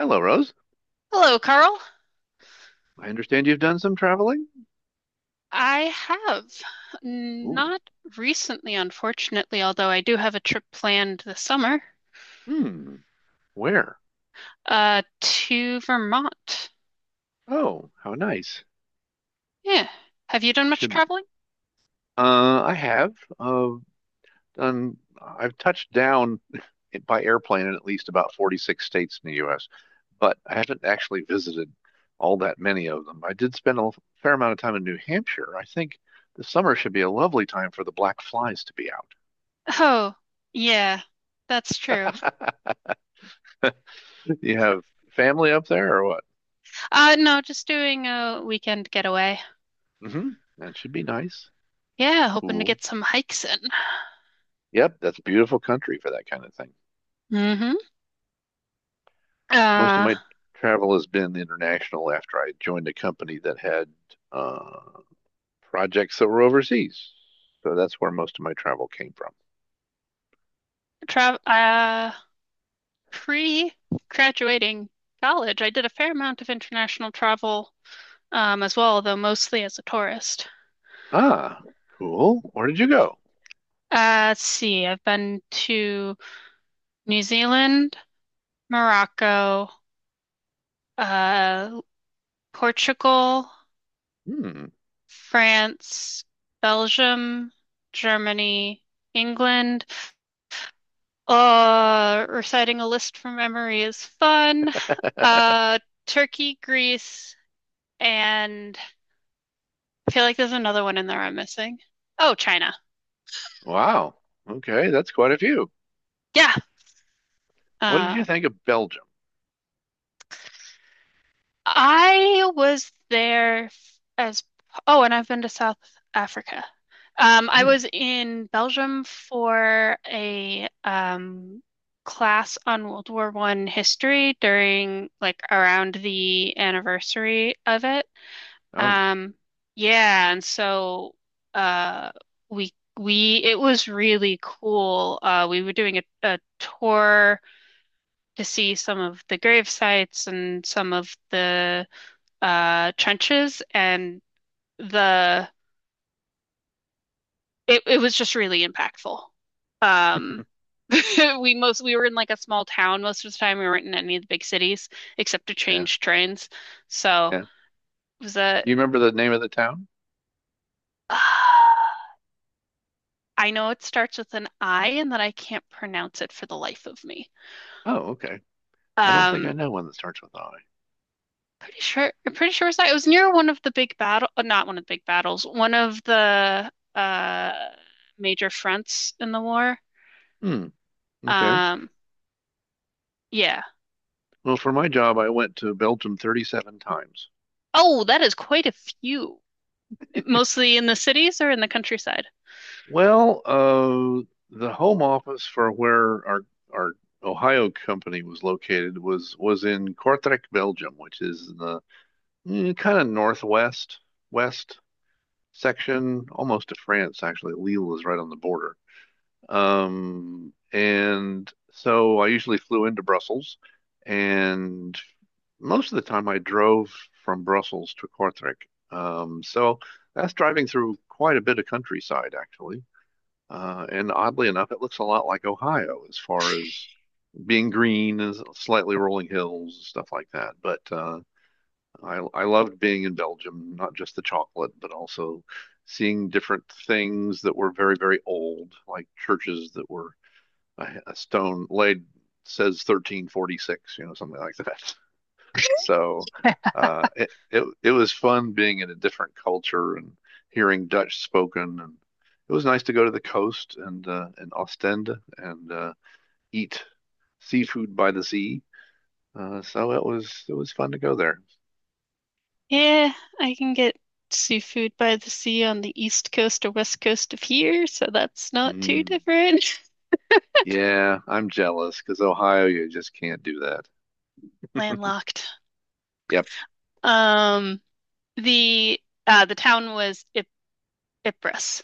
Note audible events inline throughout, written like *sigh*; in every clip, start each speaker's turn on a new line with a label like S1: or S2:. S1: Hello, Rose.
S2: Hello, Carl.
S1: I understand you've done some traveling.
S2: I have
S1: Ooh.
S2: not recently, unfortunately, although I do have a trip planned this summer,
S1: Hmm. Where?
S2: to Vermont.
S1: Oh, how nice.
S2: Yeah. Have you done
S1: That
S2: much
S1: Should
S2: traveling?
S1: I have uh done? I've touched down *laughs* by airplane in at least about 46 states in the U.S., but I haven't actually visited all that many of them. I did spend fair amount of time in New Hampshire. I think the summer should be a lovely time for the black flies to be out.
S2: Oh, yeah, that's true.
S1: *laughs* You have family up there or what?
S2: No, just doing a weekend getaway.
S1: Hmm. That should be nice.
S2: Yeah, hoping to
S1: Cool.
S2: get some hikes in.
S1: Yep, that's a beautiful country for that kind of thing.
S2: Mm-hmm.
S1: Most of
S2: Uh,
S1: my travel has been international after I joined a company that had uh, projects that were overseas. So that's where most of my travel came from.
S2: tra Pre-graduating college, I did a fair amount of international travel, as well, though mostly as a tourist.
S1: Ah, cool. Where did you go?
S2: Let's see. I've been to New Zealand, Morocco, uh, Portugal,
S1: Hmm.
S2: France, Belgium, Germany, England. Reciting a list from memory is fun.
S1: *laughs*
S2: Uh, Turkey, Greece, and I feel like there's another one in there I'm missing. Oh, China.
S1: Wow. Okay, that's quite a few.
S2: Yeah.
S1: What did
S2: Uh,
S1: you think of Belgium?
S2: I was there f- as oh, and I've been to South Africa. I
S1: Hmm.
S2: was in Belgium for a class on World War One history during like around the anniversary of it.
S1: Oh,
S2: Um, yeah, and so uh, we we it was really cool. We were doing a tour to see some of the grave sites and some of the trenches, and the it was just really impactful. Um, *laughs* we most we were in like a small town most of the time. We weren't in any of the big cities except to
S1: yeah,
S2: change trains. So
S1: yeah. Do
S2: it was a *sighs*
S1: you remember the name of the town?
S2: Uh, I know it starts with an I and that I can't pronounce it for the life of me.
S1: Oh, okay. I don't think I
S2: Um,
S1: know one that starts with I.
S2: pretty sure I'm pretty sure it was near one of the big battle not one of the big battles, one of the major fronts in the war.
S1: Hmm. Okay.
S2: Um, yeah.
S1: Well, for my job, I went to Belgium 37 times.
S2: Oh, that is quite a few. Mostly in the cities or in the countryside?
S1: Well, the home office for where our Ohio company was located was in Kortrijk, Belgium, which is in the kind of northwest west section, almost to France, actually. Lille is right on the border. And so I usually flew into Brussels and most of the time I drove from Brussels to Kortrijk. So that's driving through quite a bit of countryside, actually. And oddly enough, it looks a lot like Ohio as far as being green and slightly rolling hills and stuff like that. But I loved being in Belgium, not just the chocolate, but also seeing different things that were very, very old, like churches that were a stone laid says 1346, you know, something like that. So it, it it was fun being in a different culture and hearing Dutch spoken, and it was nice to go to the coast and Ostend and eat seafood by the sea. It was fun to go there.
S2: Yeah, I can get seafood by the sea on the east coast or west coast of here, so that's not too
S1: Mm,
S2: different.
S1: yeah, I'm jealous because Ohio, you just can't do that.
S2: *laughs* Landlocked.
S1: Yep.
S2: Um, the the town was Ip Ypres,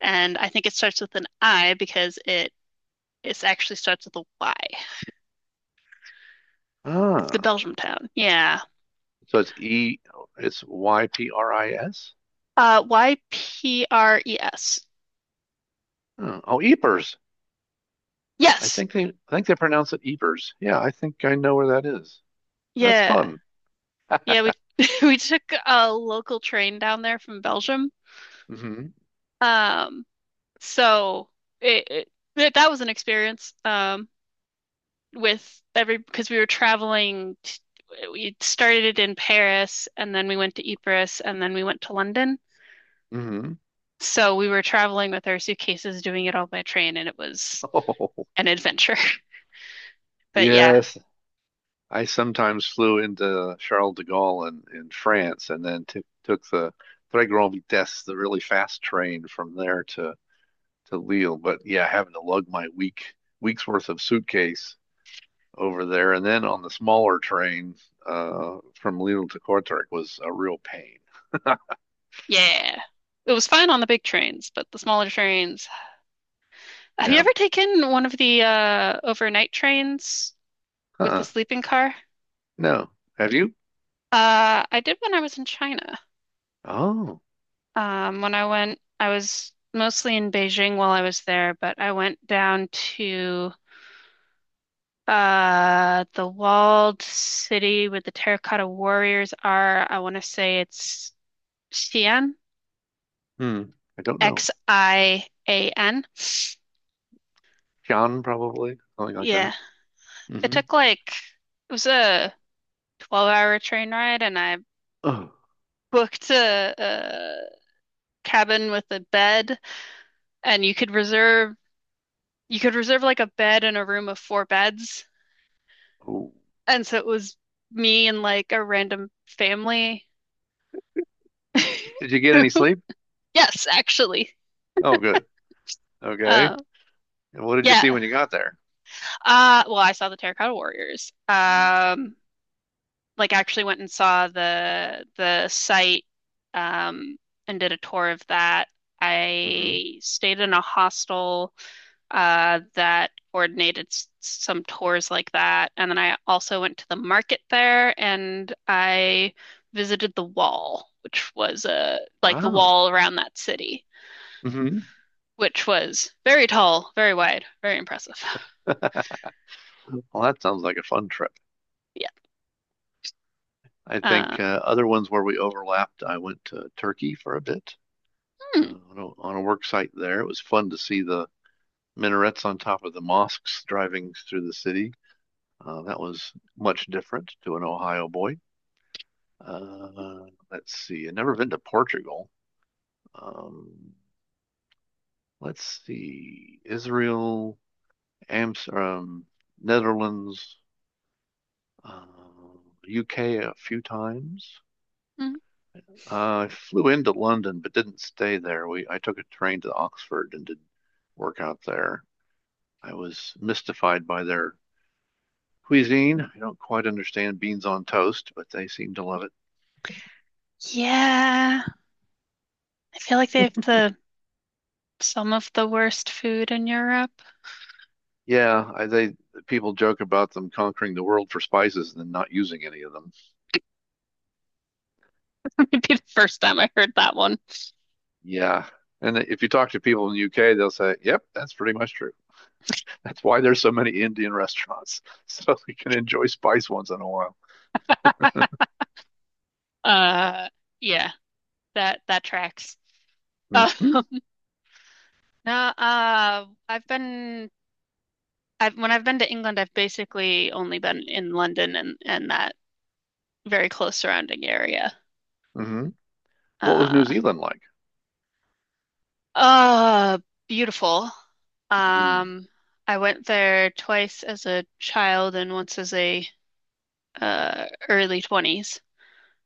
S2: and I think it starts with an I because it actually starts with a Y. It's the
S1: Ah,
S2: Belgium town. Yeah.
S1: so it's E, it's YPRIS.
S2: Ypres.
S1: Oh, oh, Ypres.
S2: Yes.
S1: I think they pronounce it Ypres. Yeah, I think I know where that is. That's
S2: Yeah.
S1: fun.
S2: Yeah, we *laughs* we took a local train down there from Belgium.
S1: Hmm.
S2: Um, so it, it That that was an experience with every because we were traveling t we started in Paris and then we went to Ypres and then we went to London.
S1: Hmm. *laughs*
S2: So we were traveling with our suitcases doing it all by train, and it was
S1: Oh,
S2: an adventure. *laughs* But yeah,
S1: yes. I sometimes flew into Charles de Gaulle in France and then took the Trois Grands Vitesses, the really fast train from there to Lille. But yeah, having to lug my week's worth of suitcase over there and then on the smaller train from Lille to Kortrijk was a real pain.
S2: yeah. It was fine on the big trains, but the smaller trains. Have you
S1: Yeah.
S2: ever taken one of the overnight trains with the
S1: Uh-uh.
S2: sleeping car?
S1: No. Have you?
S2: I did when I was in China.
S1: Oh.
S2: When I went, I was mostly in Beijing while I was there, but I went down to the walled city where the terracotta warriors are. I want to say it's Xi'an,
S1: Hmm. I don't know.
S2: X-I-A-N.
S1: Jan probably, something like that.
S2: Yeah, it
S1: Hmm.
S2: took like it was a 12-hour train ride, and I booked a cabin with a bed, and you could reserve like a bed in a room of four beds.
S1: Oh.
S2: And so it was me and like a random family. *laughs*
S1: Did you get any sleep?
S2: Yes, actually.
S1: Oh, good. Okay.
S2: Uh,
S1: And what did you see
S2: yeah.
S1: when you got there?
S2: Well, I saw the Terracotta Warriors.
S1: Mm-hmm.
S2: Like actually went and saw the site um and did a tour of that. I stayed in a hostel that coordinated some tours like that. And then I also went to the market there, and I visited the wall, which was like the
S1: Wow.
S2: wall around that city,
S1: Hmm. *laughs*
S2: which was very tall, very wide, very impressive. *laughs*
S1: Well, that sounds like a fun trip.
S2: Yeah.
S1: I
S2: Uh,
S1: think other ones where we overlapped, I went to Turkey for a bit
S2: hmm.
S1: on a work site there. It was fun to see the minarets on top of the mosques driving through the city. That was much different to an Ohio boy. Uh, let's see. I've never been to Portugal. Um, let's see. Israel. Amsterdam, Netherlands, uh, UK a few times.
S2: Hmm.
S1: I flew into London but didn't stay there. We I took a train to Oxford and did work out there. I was mystified by their cuisine. I don't quite understand beans on toast, but they seem to love it.
S2: Yeah. I feel like they have the some of the worst food in Europe.
S1: Yeah, I, they People joke about them conquering the world for spices and then not using any of them.
S2: *laughs* Maybe the first time I heard that one.
S1: Yeah, and if you talk to people in the UK, they'll say, "Yep, that's pretty much true." That's why there's so many Indian restaurants, *laughs* so we can enjoy spice once in a while.
S2: Uh, yeah, that that tracks. Uh,
S1: Mm-hmm.
S2: *laughs* no, I've been I've when I've been to England, I've basically only been in London and that very close surrounding area.
S1: Mm-hmm. What was
S2: Uh,
S1: New Zealand like?
S2: uh, Beautiful.
S1: Mm.
S2: Um, I went there twice as a child and once as a early 20s.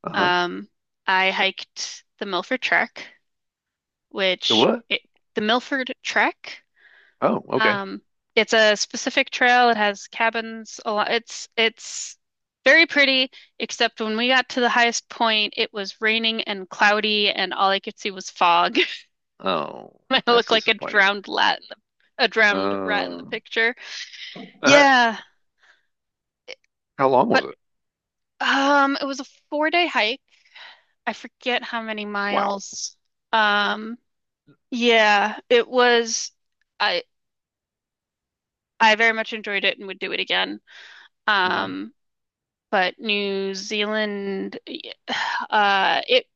S1: Uh-huh.
S2: Um, I hiked the Milford Trek,
S1: The
S2: which
S1: what?
S2: it, the Milford Trek.
S1: Oh, okay.
S2: Um, it's a specific trail. It has cabins a lot. It's very pretty, except when we got to the highest point, it was raining and cloudy, and all I could see was fog.
S1: Oh,
S2: *laughs* I
S1: that's
S2: looked like
S1: disappointing.
S2: a drowned rat in the
S1: Uh,
S2: picture.
S1: uh,
S2: Yeah,
S1: how long
S2: but
S1: was it?
S2: it was a 4 day hike. I forget how many
S1: Wow.
S2: miles. Um, yeah, it was. I very much enjoyed it and would do it again.
S1: Mm-hmm.
S2: Um, But New Zealand, uh, it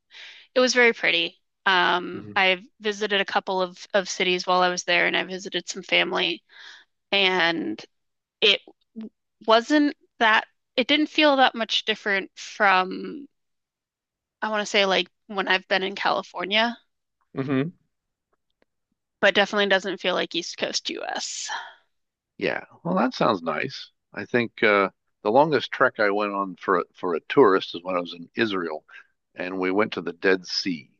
S2: it was very pretty.
S1: Mm-hmm.
S2: I visited a couple of cities while I was there, and I visited some family, and it wasn't that. It didn't feel that much different from, I want to say, like when I've been in California,
S1: Mm-hmm.
S2: but definitely doesn't feel like East Coast US.
S1: Yeah. Well, that sounds nice. I think the longest trek I went on for for a tourist is when I was in Israel, and we went to the Dead Sea.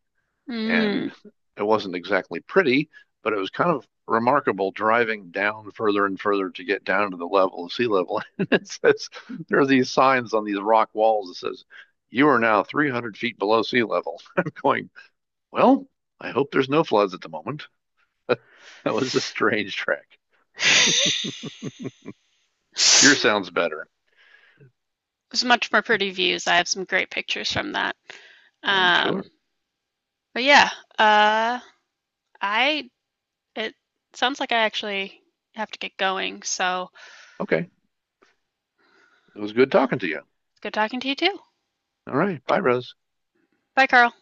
S2: Mm.
S1: And it wasn't exactly pretty, but it was kind of remarkable driving down further and further to get down to the level of sea level. *laughs* It says there are these signs on these rock walls that says you are now 300 feet below sea level. *laughs* I'm going, well, I hope there's no floods at the moment. *laughs* That was a strange trek.
S2: *laughs*
S1: Yours sounds better,
S2: It was much more pretty views. I have some great pictures from that.
S1: I'm
S2: Um,
S1: sure.
S2: but yeah, uh, I it sounds like I actually have to get going, so
S1: Okay, it was good
S2: uh,
S1: talking to you.
S2: good talking to you too.
S1: All right, bye, Rose.
S2: Bye, Carl.